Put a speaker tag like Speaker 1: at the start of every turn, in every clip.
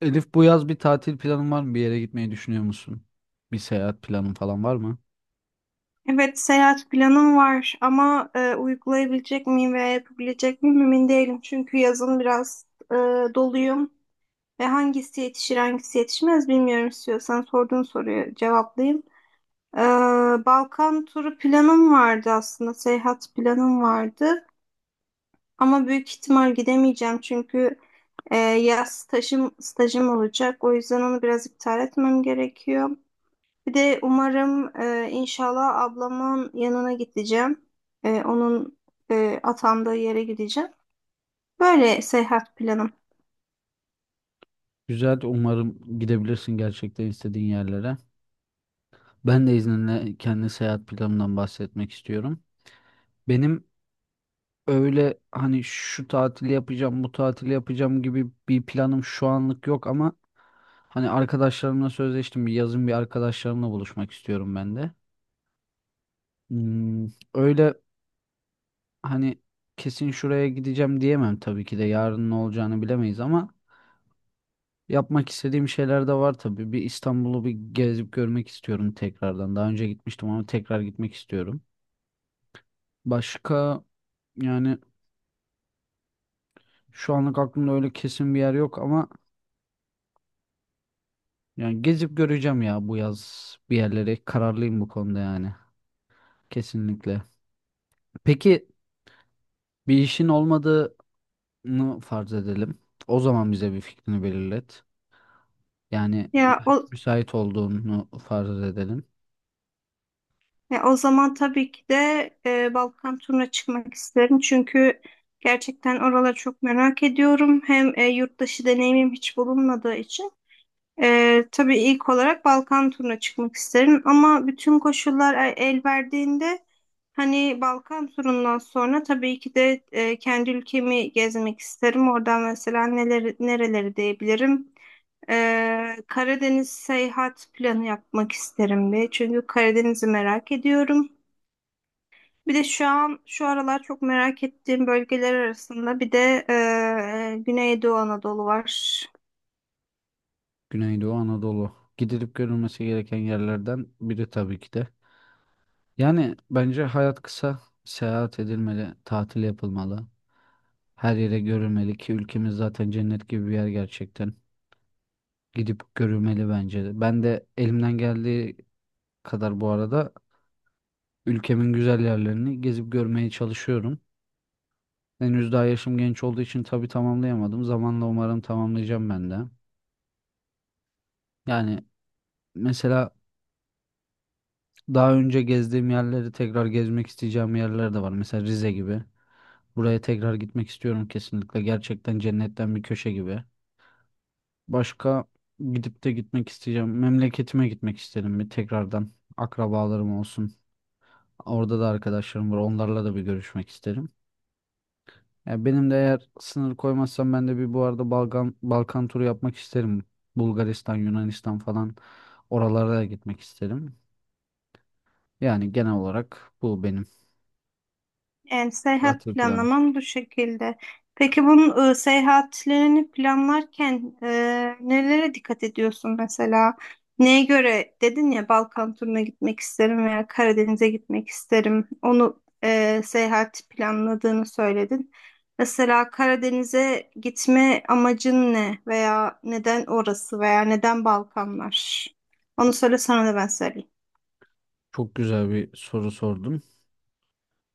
Speaker 1: Elif bu yaz bir tatil planın var mı? Bir yere gitmeyi düşünüyor musun? Bir seyahat planın falan var mı?
Speaker 2: Evet, seyahat planım var ama uygulayabilecek miyim veya yapabilecek miyim emin değilim. Çünkü yazın biraz e, doluyum ve hangisi yetişir hangisi yetişmez bilmiyorum, istiyorsan sorduğun soruyu cevaplayayım. E, Balkan turu planım vardı aslında, seyahat planım vardı ama büyük ihtimal gidemeyeceğim çünkü stajım olacak. O yüzden onu biraz iptal etmem gerekiyor. Bir de umarım inşallah ablamın yanına gideceğim. E, onun atandığı yere gideceğim. Böyle seyahat planım.
Speaker 1: Güzel, umarım gidebilirsin gerçekten istediğin yerlere. Ben de izninle kendi seyahat planımdan bahsetmek istiyorum. Benim öyle hani şu tatili yapacağım, bu tatili yapacağım gibi bir planım şu anlık yok ama hani arkadaşlarımla sözleştim. Bir yazın bir arkadaşlarımla buluşmak istiyorum ben de. Hmm, öyle hani kesin şuraya gideceğim diyemem tabii ki de yarın ne olacağını bilemeyiz ama yapmak istediğim şeyler de var tabii. Bir İstanbul'u bir gezip görmek istiyorum tekrardan. Daha önce gitmiştim ama tekrar gitmek istiyorum. Başka yani şu anlık aklımda öyle kesin bir yer yok ama yani gezip göreceğim ya bu yaz bir yerlere. Kararlıyım bu konuda yani. Kesinlikle. Peki bir işin olmadığını farz edelim. O zaman bize bir fikrini belirlet. Yani
Speaker 2: Ya o
Speaker 1: müsait olduğunu farz edelim.
Speaker 2: o zaman tabii ki de Balkan turuna çıkmak isterim. Çünkü gerçekten oraları çok merak ediyorum. Hem yurt dışı deneyimim hiç bulunmadığı için. Tabii ilk olarak Balkan turuna çıkmak isterim ama bütün koşullar el verdiğinde hani Balkan turundan sonra tabii ki de kendi ülkemi gezmek isterim. Oradan mesela neleri, nereleri diyebilirim. Karadeniz seyahat planı yapmak isterim bir. Çünkü Karadeniz'i merak ediyorum. Bir de şu an şu aralar çok merak ettiğim bölgeler arasında bir de Güneydoğu Anadolu var.
Speaker 1: Güneydoğu Anadolu. Gidilip görülmesi gereken yerlerden biri tabii ki de. Yani bence hayat kısa, seyahat edilmeli, tatil yapılmalı. Her yere görülmeli ki ülkemiz zaten cennet gibi bir yer gerçekten. Gidip görülmeli bence de. Ben de elimden geldiği kadar bu arada ülkemin güzel yerlerini gezip görmeye çalışıyorum. Henüz daha yaşım genç olduğu için tabii tamamlayamadım. Zamanla umarım tamamlayacağım ben de. Yani mesela daha önce gezdiğim yerleri tekrar gezmek isteyeceğim yerler de var. Mesela Rize gibi. Buraya tekrar gitmek istiyorum kesinlikle. Gerçekten cennetten bir köşe gibi. Başka gidip de gitmek isteyeceğim. Memleketime gitmek isterim bir tekrardan. Akrabalarım olsun. Orada da arkadaşlarım var. Onlarla da bir görüşmek isterim. Ya benim de eğer sınır koymazsam ben de bir bu arada Balkan turu yapmak isterim. Bulgaristan, Yunanistan falan oralara da gitmek isterim. Yani genel olarak bu benim
Speaker 2: Yani seyahat
Speaker 1: tatil planım.
Speaker 2: planlamam bu şekilde. Peki bunun seyahatlerini planlarken nelere dikkat ediyorsun mesela? Neye göre dedin ya, Balkan turuna gitmek isterim veya Karadeniz'e gitmek isterim. Onu seyahat planladığını söyledin. Mesela Karadeniz'e gitme amacın ne veya neden orası veya neden Balkanlar? Onu söyle, sana da ben söyleyeyim.
Speaker 1: Çok güzel bir soru sordum.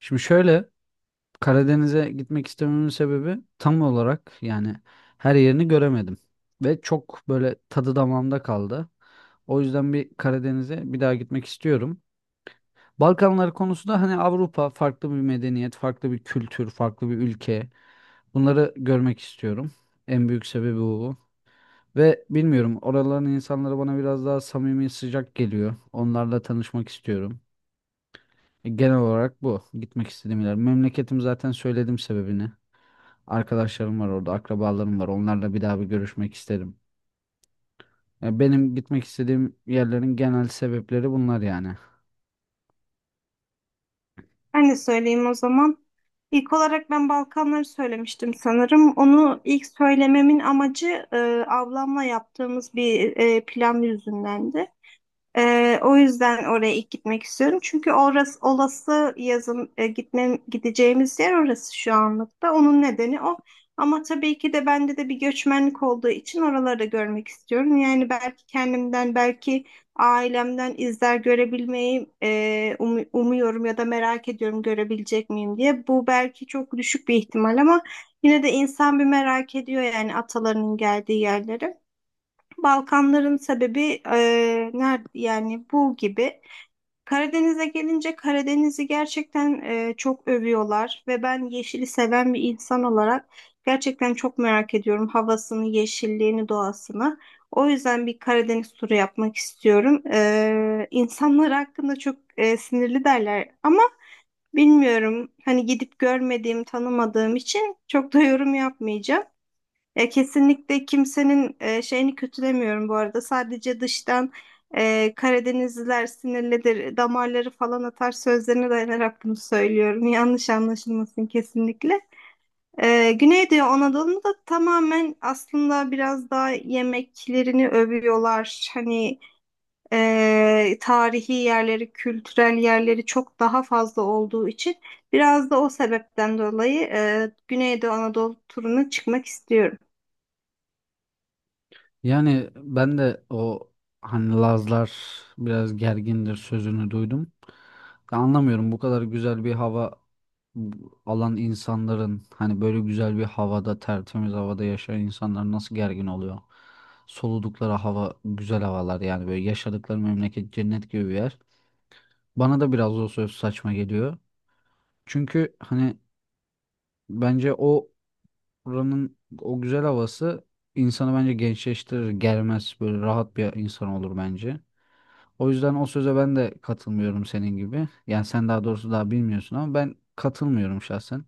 Speaker 1: Şimdi şöyle, Karadeniz'e gitmek istememin sebebi tam olarak yani her yerini göremedim. Ve çok böyle tadı damağımda kaldı. O yüzden bir Karadeniz'e bir daha gitmek istiyorum. Balkanlar konusu da hani Avrupa farklı bir medeniyet, farklı bir kültür, farklı bir ülke. Bunları görmek istiyorum. En büyük sebebi bu. Ve bilmiyorum oraların insanları bana biraz daha samimi, sıcak geliyor. Onlarla tanışmak istiyorum. Genel olarak bu. Gitmek istediğim yer. Memleketim zaten söyledim sebebini. Arkadaşlarım var orada, akrabalarım var. Onlarla bir daha bir görüşmek isterim. Ya benim gitmek istediğim yerlerin genel sebepleri bunlar yani.
Speaker 2: Ben de söyleyeyim o zaman. İlk olarak ben Balkanları söylemiştim sanırım. Onu ilk söylememin amacı ablamla yaptığımız bir plan yüzündendi. O yüzden oraya ilk gitmek istiyorum. Çünkü orası olası yazın e, gitmem gideceğimiz yer orası şu anlıkta. Onun nedeni o. Ama tabii ki de bende de bir göçmenlik olduğu için oraları da görmek istiyorum. Yani belki kendimden, belki ailemden izler görebilmeyi umuyorum ya da merak ediyorum görebilecek miyim diye. Bu belki çok düşük bir ihtimal ama yine de insan bir merak ediyor yani atalarının geldiği yerleri. Balkanların sebebi nerede yani bu gibi. Karadeniz'e gelince Karadeniz'i gerçekten çok övüyorlar ve ben yeşili seven bir insan olarak gerçekten çok merak ediyorum havasını, yeşilliğini, doğasını. O yüzden bir Karadeniz turu yapmak istiyorum. İnsanlar hakkında çok sinirli derler ama bilmiyorum, hani gidip görmediğim, tanımadığım için çok da yorum yapmayacağım. Ya kesinlikle kimsenin şeyini kötülemiyorum bu arada. Sadece dıştan Karadenizliler sinirlidir, damarları falan atar sözlerine dayanarak bunu söylüyorum. Yanlış anlaşılmasın kesinlikle. Güneydoğu Anadolu'nu da tamamen aslında biraz daha yemeklerini övüyorlar. Hani tarihi yerleri, kültürel yerleri çok daha fazla olduğu için biraz da o sebepten dolayı Güneydoğu Anadolu turuna çıkmak istiyorum.
Speaker 1: Yani ben de o hani Lazlar biraz gergindir sözünü duydum. Ya anlamıyorum bu kadar güzel bir hava alan insanların hani böyle güzel bir havada tertemiz havada yaşayan insanlar nasıl gergin oluyor? Soludukları hava güzel havalar yani böyle yaşadıkları memleket cennet gibi bir yer. Bana da biraz o söz saçma geliyor. Çünkü hani bence o oranın o güzel havası insanı bence gençleştirir, germez, böyle rahat bir insan olur bence. O yüzden o söze ben de katılmıyorum senin gibi. Yani sen daha doğrusu daha bilmiyorsun ama ben katılmıyorum şahsen.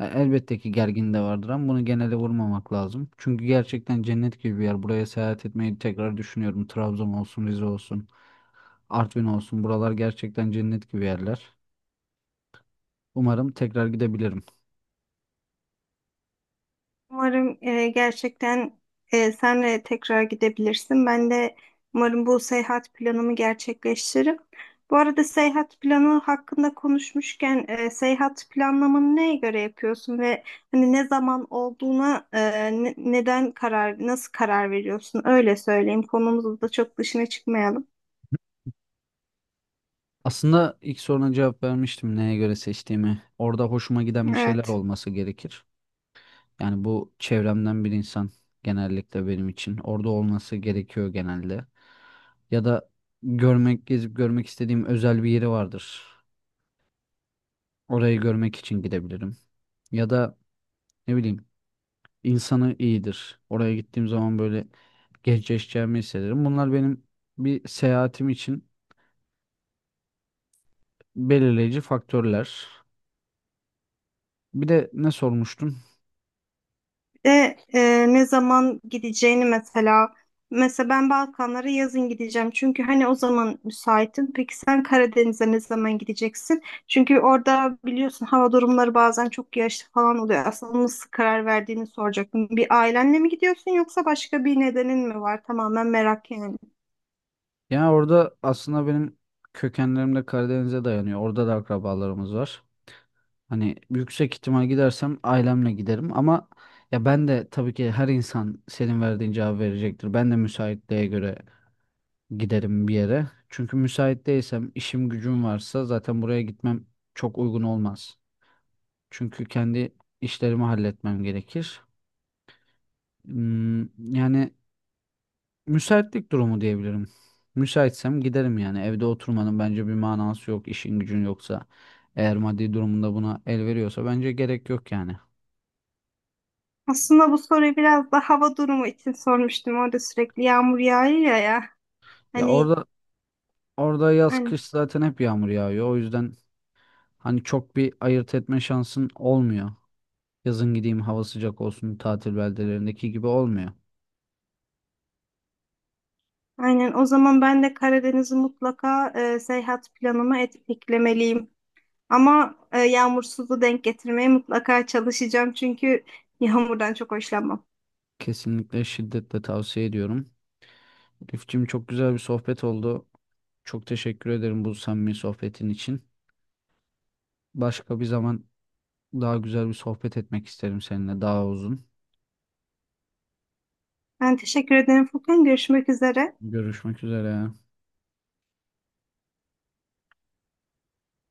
Speaker 1: Elbette ki gergin de vardır ama bunu genele vurmamak lazım. Çünkü gerçekten cennet gibi bir yer. Buraya seyahat etmeyi tekrar düşünüyorum. Trabzon olsun, Rize olsun, Artvin olsun. Buralar gerçekten cennet gibi yerler. Umarım tekrar gidebilirim.
Speaker 2: Umarım gerçekten senle tekrar gidebilirsin. Ben de umarım bu seyahat planımı gerçekleştiririm. Bu arada seyahat planı hakkında konuşmuşken seyahat planlamanı neye göre yapıyorsun ve hani ne zaman olduğuna neden karar, nasıl karar veriyorsun? Öyle söyleyeyim. Konumuzda da çok dışına çıkmayalım.
Speaker 1: Aslında ilk soruna cevap vermiştim neye göre seçtiğimi. Orada hoşuma giden bir şeyler
Speaker 2: Evet.
Speaker 1: olması gerekir. Yani bu çevremden bir insan genellikle benim için. Orada olması gerekiyor genelde. Ya da görmek, gezip görmek istediğim özel bir yeri vardır. Orayı görmek için gidebilirim. Ya da ne bileyim insanı iyidir. Oraya gittiğim zaman böyle gençleşeceğimi hissederim. Bunlar benim bir seyahatim için belirleyici faktörler. Bir de ne sormuştun?
Speaker 2: De ne zaman gideceğini mesela. Mesela ben Balkanlara yazın gideceğim. Çünkü hani o zaman müsaitim. Peki sen Karadeniz'e ne zaman gideceksin? Çünkü orada biliyorsun hava durumları bazen çok yağışlı falan oluyor. Aslında nasıl karar verdiğini soracaktım. Bir ailenle mi gidiyorsun yoksa başka bir nedenin mi var? Tamamen merak yani.
Speaker 1: Yani orada aslında benim kökenlerim de Karadeniz'e dayanıyor. Orada da akrabalarımız var. Hani yüksek ihtimal gidersem ailemle giderim ama ya ben de tabii ki her insan senin verdiğin cevabı verecektir. Ben de müsaitliğe göre giderim bir yere. Çünkü müsait değilsem, işim gücüm varsa zaten buraya gitmem çok uygun olmaz. Çünkü kendi işlerimi halletmem gerekir. Hmm, yani müsaitlik durumu diyebilirim. Müsaitsem giderim yani. Evde oturmanın bence bir manası yok. İşin gücün yoksa, eğer maddi durumunda buna el veriyorsa bence gerek yok yani.
Speaker 2: Aslında bu soruyu biraz da hava durumu için sormuştum. Orada sürekli yağmur yağıyor ya.
Speaker 1: Ya
Speaker 2: Hani,
Speaker 1: orada yaz
Speaker 2: hani
Speaker 1: kış zaten hep yağmur yağıyor. O yüzden hani çok bir ayırt etme şansın olmuyor. Yazın gideyim hava sıcak olsun tatil beldelerindeki gibi olmuyor.
Speaker 2: Aynen. O zaman ben de Karadeniz'i mutlaka seyahat planıma eklemeliyim. Ama yağmursuzu denk getirmeye mutlaka çalışacağım çünkü yağmurdan çok hoşlanmam.
Speaker 1: Kesinlikle şiddetle tavsiye ediyorum. Rifçim çok güzel bir sohbet oldu. Çok teşekkür ederim bu samimi sohbetin için. Başka bir zaman daha güzel bir sohbet etmek isterim seninle daha uzun.
Speaker 2: Ben teşekkür ederim Furkan. Görüşmek üzere.
Speaker 1: Görüşmek üzere.